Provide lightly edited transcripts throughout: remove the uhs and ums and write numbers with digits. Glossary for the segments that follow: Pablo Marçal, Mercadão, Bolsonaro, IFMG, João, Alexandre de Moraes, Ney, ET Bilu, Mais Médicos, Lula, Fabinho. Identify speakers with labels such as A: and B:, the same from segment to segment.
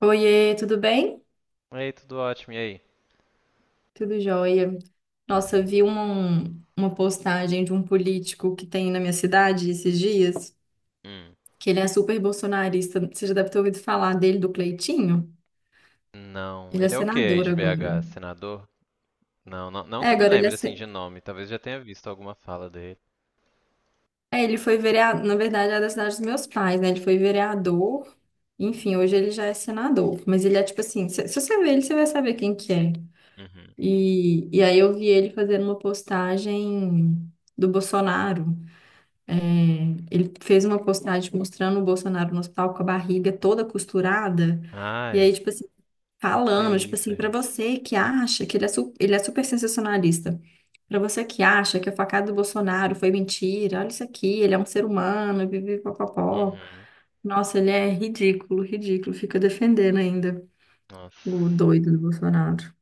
A: Oiê, tudo bem?
B: Ei, tudo ótimo, e aí?
A: Tudo jóia. Nossa, eu vi uma postagem de um político que tem na minha cidade esses dias,
B: Hum.
A: que ele é super bolsonarista. Você já deve ter ouvido falar dele, do Cleitinho?
B: Não,
A: Ele é
B: ele é o quê aí
A: senador
B: de
A: agora.
B: BH? Senador? Não, não, não
A: É,
B: que eu me
A: agora ele é,
B: lembre assim
A: se-
B: de nome, talvez já tenha visto alguma fala dele.
A: é, ele foi vereador, na verdade é da cidade dos meus pais, né? Ele foi vereador, enfim, hoje ele já é senador. Mas ele é tipo assim, se você ver ele, você vai saber quem que é.
B: Uhum.
A: E aí eu vi ele fazendo uma postagem do Bolsonaro. Ele fez uma postagem mostrando o Bolsonaro no hospital com a barriga toda costurada. E
B: Ai,
A: aí, tipo assim,
B: pra que
A: falando, tipo
B: isso,
A: assim, pra
B: gente?
A: você que acha que ele é super sensacionalista. Pra você que acha que a facada do Bolsonaro foi mentira, olha isso aqui, ele é um ser humano, vive popopó.
B: Uhum.
A: Nossa, ele é ridículo, ridículo. Fica defendendo ainda
B: Nossa.
A: o doido do Bolsonaro.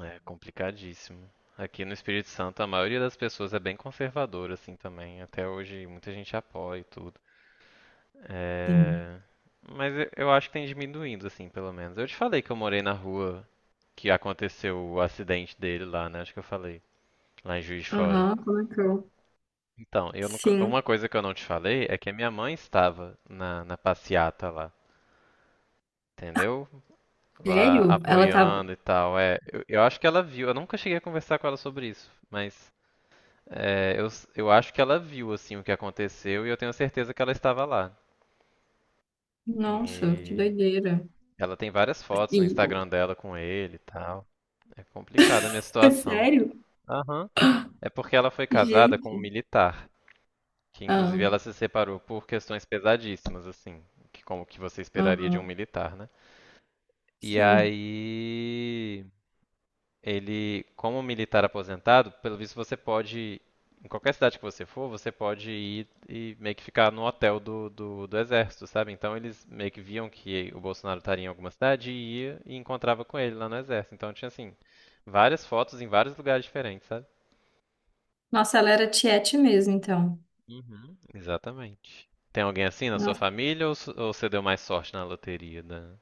B: É complicadíssimo. Aqui no Espírito Santo a maioria das pessoas é bem conservadora assim também. Até hoje muita gente apoia e tudo.
A: Sim.
B: É. Mas eu acho que tem diminuindo assim, pelo menos. Eu te falei que eu morei na rua que aconteceu o acidente dele lá, né? Acho que eu falei. Lá em Juiz de Fora.
A: Aham, comentou.
B: Então, eu nunca- uma
A: Sim.
B: coisa que eu não te falei é que a minha mãe estava na passeata lá, entendeu? Lá
A: Sério? Ela tava.
B: apoiando e tal. Eu acho que ela viu. Eu nunca cheguei a conversar com ela sobre isso, mas eu acho que ela viu assim o que aconteceu e eu tenho certeza que ela estava lá.
A: Nossa, que
B: E
A: doideira.
B: ela tem várias fotos
A: E...
B: no Instagram dela com ele e tal. É complicada a minha situação.
A: Sério?
B: Aham. É porque ela foi casada com um
A: Gente.
B: militar. Que
A: Ah,
B: inclusive ela se separou por questões pesadíssimas, assim, que como que você esperaria de um
A: aham,
B: militar, né? E
A: sim.
B: aí ele, como militar aposentado, pelo visto você pode, em qualquer cidade que você for, você pode ir e meio que ficar no hotel do exército, sabe? Então eles meio que viam que o Bolsonaro estaria em alguma cidade e ia e encontrava com ele lá no exército. Então tinha assim, várias fotos em vários lugares diferentes, sabe?
A: Nossa, ela era tiete mesmo, então.
B: Uhum, exatamente. Tem alguém assim na sua
A: Nossa.
B: família ou você deu mais sorte na loteria da...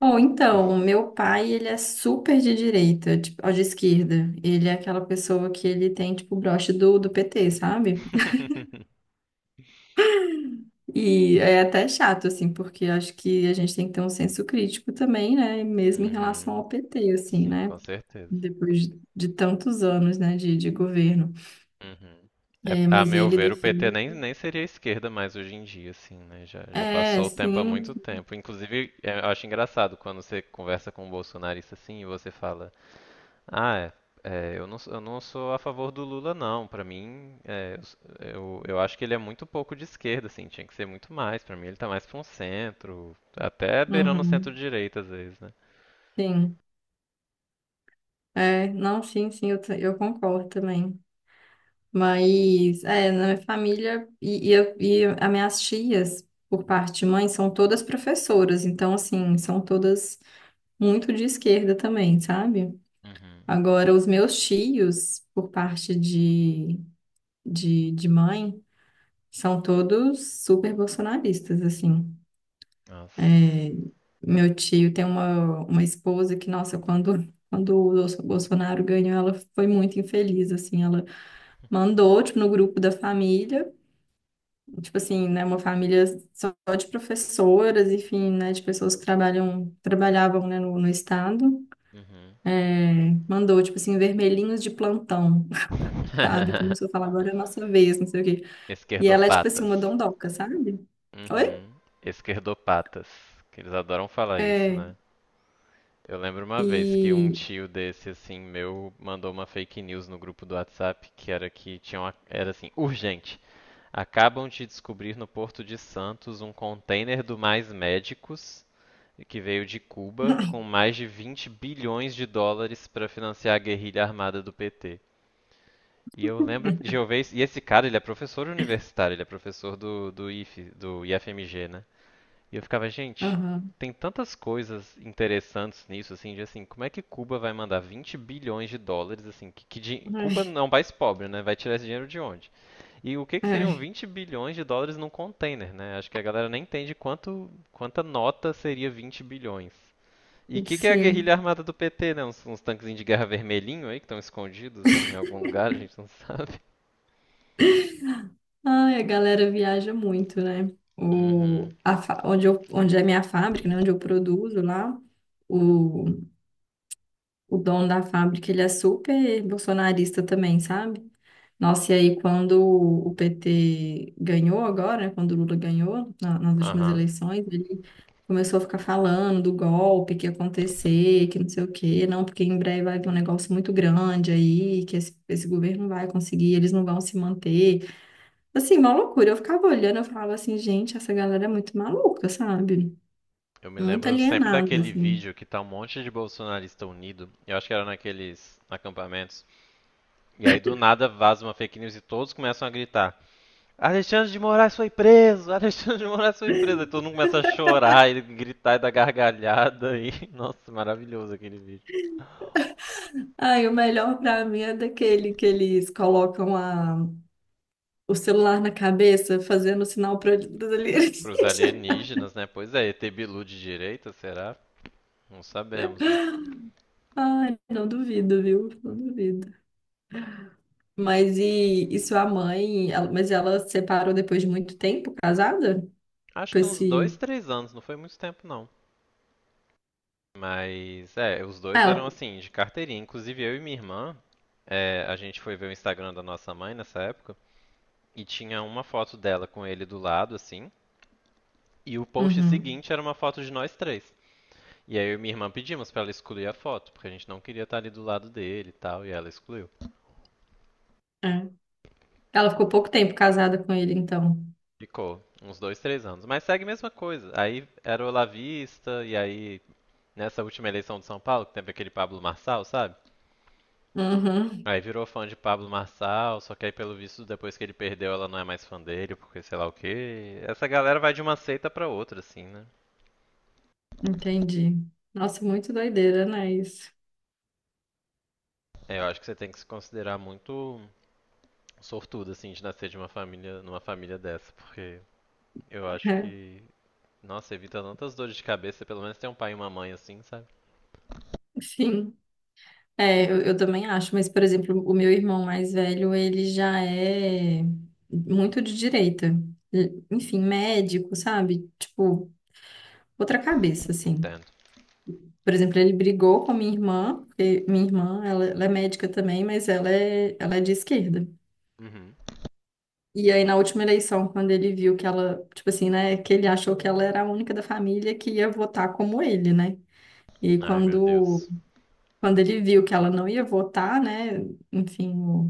A: Bom, então, o meu pai, ele é super de direita, tipo, ou de esquerda. Ele é aquela pessoa que ele tem, tipo, o broche do PT, sabe? E é até chato, assim, porque acho que a gente tem que ter um senso crítico também, né? Mesmo em
B: Uhum,
A: relação ao PT, assim,
B: sim,
A: né?
B: com certeza.
A: Depois de tantos anos, né, de governo.
B: Uhum. É,
A: É,
B: a
A: mas
B: meu
A: ele
B: ver, o PT
A: defende.
B: nem seria esquerda mais hoje em dia, assim, né? Já
A: É,
B: passou o tempo há muito
A: sim.
B: tempo. Inclusive, eu acho engraçado quando você conversa com um bolsonarista assim e você fala. Ah, é. É, eu não sou a favor do Lula, não. Pra mim, eu acho que ele é muito pouco de esquerda, assim. Tinha que ser muito mais. Pra mim, ele tá mais pra um centro, até beirando o
A: Uhum,
B: centro-direita às vezes, né?
A: sim. É, não, sim, sim, eu concordo também. Mas, é, na minha família e as minhas tias, por parte de mãe, são todas professoras. Então, assim, são todas muito de esquerda também, sabe?
B: Uhum.
A: Agora, os meus tios, por parte de mãe, são todos super bolsonaristas, assim.
B: Nossa.
A: É, meu tio tem uma esposa que, nossa, quando o Bolsonaro ganhou, ela foi muito infeliz, assim, ela mandou, tipo, no grupo da família, tipo assim, né, uma família só de professoras, enfim, né, de pessoas que trabalham, trabalhavam, né, no estado,
B: Uhum.
A: é, mandou, tipo assim, vermelhinhos de plantão, sabe? Começou a falar, agora é a nossa vez, não sei o quê. E ela é, tipo assim, uma
B: Esquerdopatas.
A: dondoca, sabe? Oi?
B: Uhum. Esquerdopatas. Que eles adoram falar isso,
A: É,
B: né? Eu lembro uma vez que um
A: e...
B: tio desse, assim, meu, mandou uma fake news no grupo do WhatsApp que era que tinha uma, era assim, urgente. Acabam de descobrir no Porto de Santos um container do Mais Médicos, que veio de Cuba, com mais de 20 bilhões de dólares para financiar a guerrilha armada do PT. E eu lembro de eu ver. E esse cara, ele é professor universitário, ele é professor do IF, do IFMG, né? E eu ficava, gente,
A: Aham.
B: tem tantas coisas interessantes nisso, assim, de assim, como é que Cuba vai mandar 20 bilhões de dólares, assim, Cuba
A: Ai,
B: não é um país pobre, né? Vai tirar esse dinheiro de onde? E o que que seriam
A: ai,
B: 20 bilhões de dólares num container, né? Acho que a galera nem entende quanto, quanta nota seria 20 bilhões. E o que que é a guerrilha
A: sim.
B: armada do PT, né? Uns tanquezinhos de guerra vermelhinho aí que estão escondidos em algum lugar, a gente não sabe.
A: Ai, a galera viaja muito, né?
B: Uhum.
A: O, a, fa- onde, eu, Onde é minha fábrica, né? Onde eu produzo lá, o, o dono da fábrica, ele é super bolsonarista também, sabe? Nossa, e aí quando o PT ganhou agora, né? Quando o Lula ganhou nas últimas
B: Aham.
A: eleições, ele começou a ficar falando do golpe que ia acontecer, que não sei o quê, não, porque em breve vai ter um negócio muito grande aí, que esse governo não vai conseguir, eles não vão se manter. Assim, uma loucura. Eu ficava olhando, eu falava assim, gente, essa galera é muito maluca, sabe?
B: Eu me
A: Muito
B: lembro sempre
A: alienada,
B: daquele
A: assim.
B: vídeo que tá um monte de bolsonarista unido. Eu acho que era naqueles acampamentos. E aí do nada vaza uma fake news e todos começam a gritar: Alexandre de Moraes foi preso! Alexandre de Moraes foi preso! Aí todo mundo começa a chorar e gritar e dar gargalhada. Nossa, maravilhoso aquele vídeo.
A: Ai, o melhor pra mim é daquele que eles colocam a... o celular na cabeça, fazendo sinal pra eles.
B: Pros alienígenas, né? Pois é, ET Bilu de direita, será? Não sabemos, né?
A: Ai, não duvido, viu? Não duvido. Mas e sua mãe? Mas ela se separou depois de muito tempo, casada?
B: Acho
A: Com
B: que uns dois,
A: esse.
B: três anos, não foi muito tempo não. Mas os
A: Ah,
B: dois
A: ela.
B: eram assim, de carteirinha. Inclusive eu e minha irmã, a gente foi ver o Instagram da nossa mãe nessa época e tinha uma foto dela com ele do lado, assim, e o post
A: Uhum,
B: seguinte era uma foto de nós três. E aí eu e minha irmã pedimos pra ela excluir a foto, porque a gente não queria estar ali do lado dele e tal, e ela excluiu.
A: é. Ela ficou pouco tempo casada com ele, então.
B: Ficou uns dois, três anos. Mas segue a mesma coisa. Aí era o Olavista, e aí nessa última eleição de São Paulo, que teve aquele Pablo Marçal, sabe?
A: Uhum.
B: Aí virou fã de Pablo Marçal, só que aí pelo visto depois que ele perdeu ela não é mais fã dele, porque sei lá o quê. Essa galera vai de uma seita pra outra, assim, né?
A: Entendi. Nossa, muito doideira, né? Isso.
B: É, eu acho que você tem que se considerar muito sortudo, assim, de nascer de uma família, numa família dessa, porque eu acho que, nossa, evita tantas dores de cabeça, pelo menos tem um pai e uma mãe assim, sabe?
A: Sim. É, eu também acho, mas, por exemplo, o meu irmão mais velho, ele já é muito de direita. Enfim, médico, sabe? Tipo, outra cabeça, assim.
B: Entendo.
A: Por exemplo, ele brigou com a minha irmã, porque minha irmã, ela é médica também, mas ela é de esquerda.
B: Uhum.
A: E aí, na última eleição, quando ele viu que ela, tipo assim, né, que ele achou que ela era a única da família que ia votar como ele, né? E aí,
B: Ai, meu
A: quando
B: Deus.
A: Quando ele viu que ela não ia votar, né? Enfim,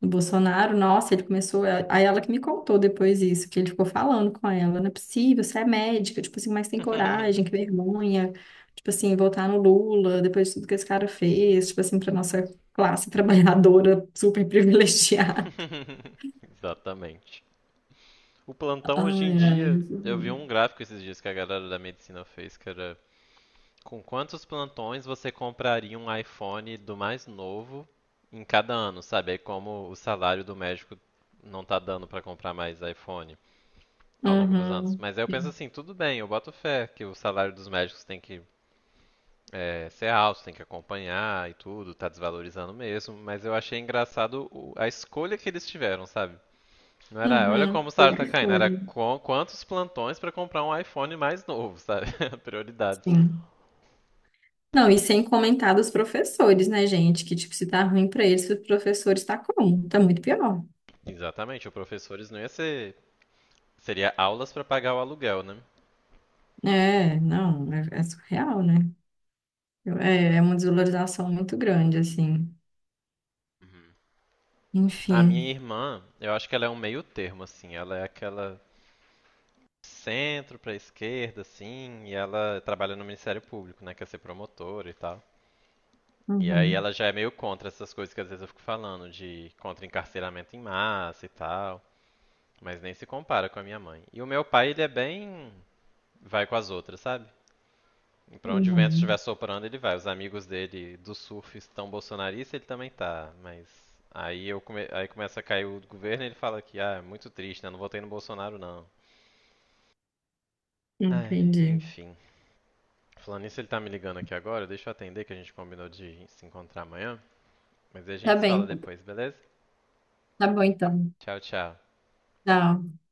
A: o Bolsonaro, nossa, ele começou. Aí ela que me contou depois isso, que ele ficou falando com ela: não é possível, você é médica, tipo assim, mas tem coragem, que vergonha, tipo assim, votar no Lula, depois de tudo que esse cara fez, tipo assim, pra nossa classe trabalhadora super privilegiada.
B: Exatamente. O plantão hoje em
A: Ai, ai, é
B: dia, eu vi um
A: muito.
B: gráfico esses dias que a galera da medicina fez, que era com quantos plantões você compraria um iPhone do mais novo em cada ano, sabe? Aí como o salário do médico não tá dando pra comprar mais iPhone ao longo dos anos.
A: Uhum.
B: Mas aí eu penso
A: Sim.
B: assim, tudo bem, eu boto fé que o salário dos médicos tem que ser alto, tem que acompanhar e tudo, tá desvalorizando mesmo, mas eu achei engraçado a escolha que eles tiveram, sabe? Não era, olha
A: Uhum.
B: como o
A: Tudo
B: salário tá caindo,
A: foi,
B: era
A: né?
B: quantos plantões pra comprar um iPhone mais novo, sabe? Prioridades.
A: Sim. Não, e sem comentar dos professores, né, gente? Que, tipo, se tá ruim pra eles, os professores tá como? Tá muito pior.
B: Exatamente, o professores não ia ser. Seria aulas pra pagar o aluguel, né?
A: É, não, é, é surreal, né? Eu- é, é uma desvalorização muito grande, assim.
B: Uhum. A minha
A: Enfim.
B: irmã, eu acho que ela é um meio termo, assim. Ela é aquela centro pra esquerda, assim, e ela trabalha no Ministério Público, né? Quer ser promotora e tal. E aí
A: Uhum,
B: ela já é meio contra essas coisas que às vezes eu fico falando, de contra encarceramento em massa e tal. Mas nem se compara com a minha mãe. E o meu pai, ele é bem, vai com as outras, sabe? E pra onde o vento estiver
A: uhum,
B: soprando, ele vai. Os amigos dele do surf estão bolsonaristas, ele também tá, mas aí aí começa a cair o governo e ele fala que ah, é muito triste, né? Não votei no Bolsonaro não. Ai,
A: entendi.
B: enfim. Falando nisso, ele tá me ligando aqui agora, deixa eu atender que a gente combinou de se encontrar amanhã, mas aí a
A: Tá
B: gente se fala
A: bem,
B: depois, beleza?
A: tá bom então.
B: Tchau, tchau.
A: Tchau.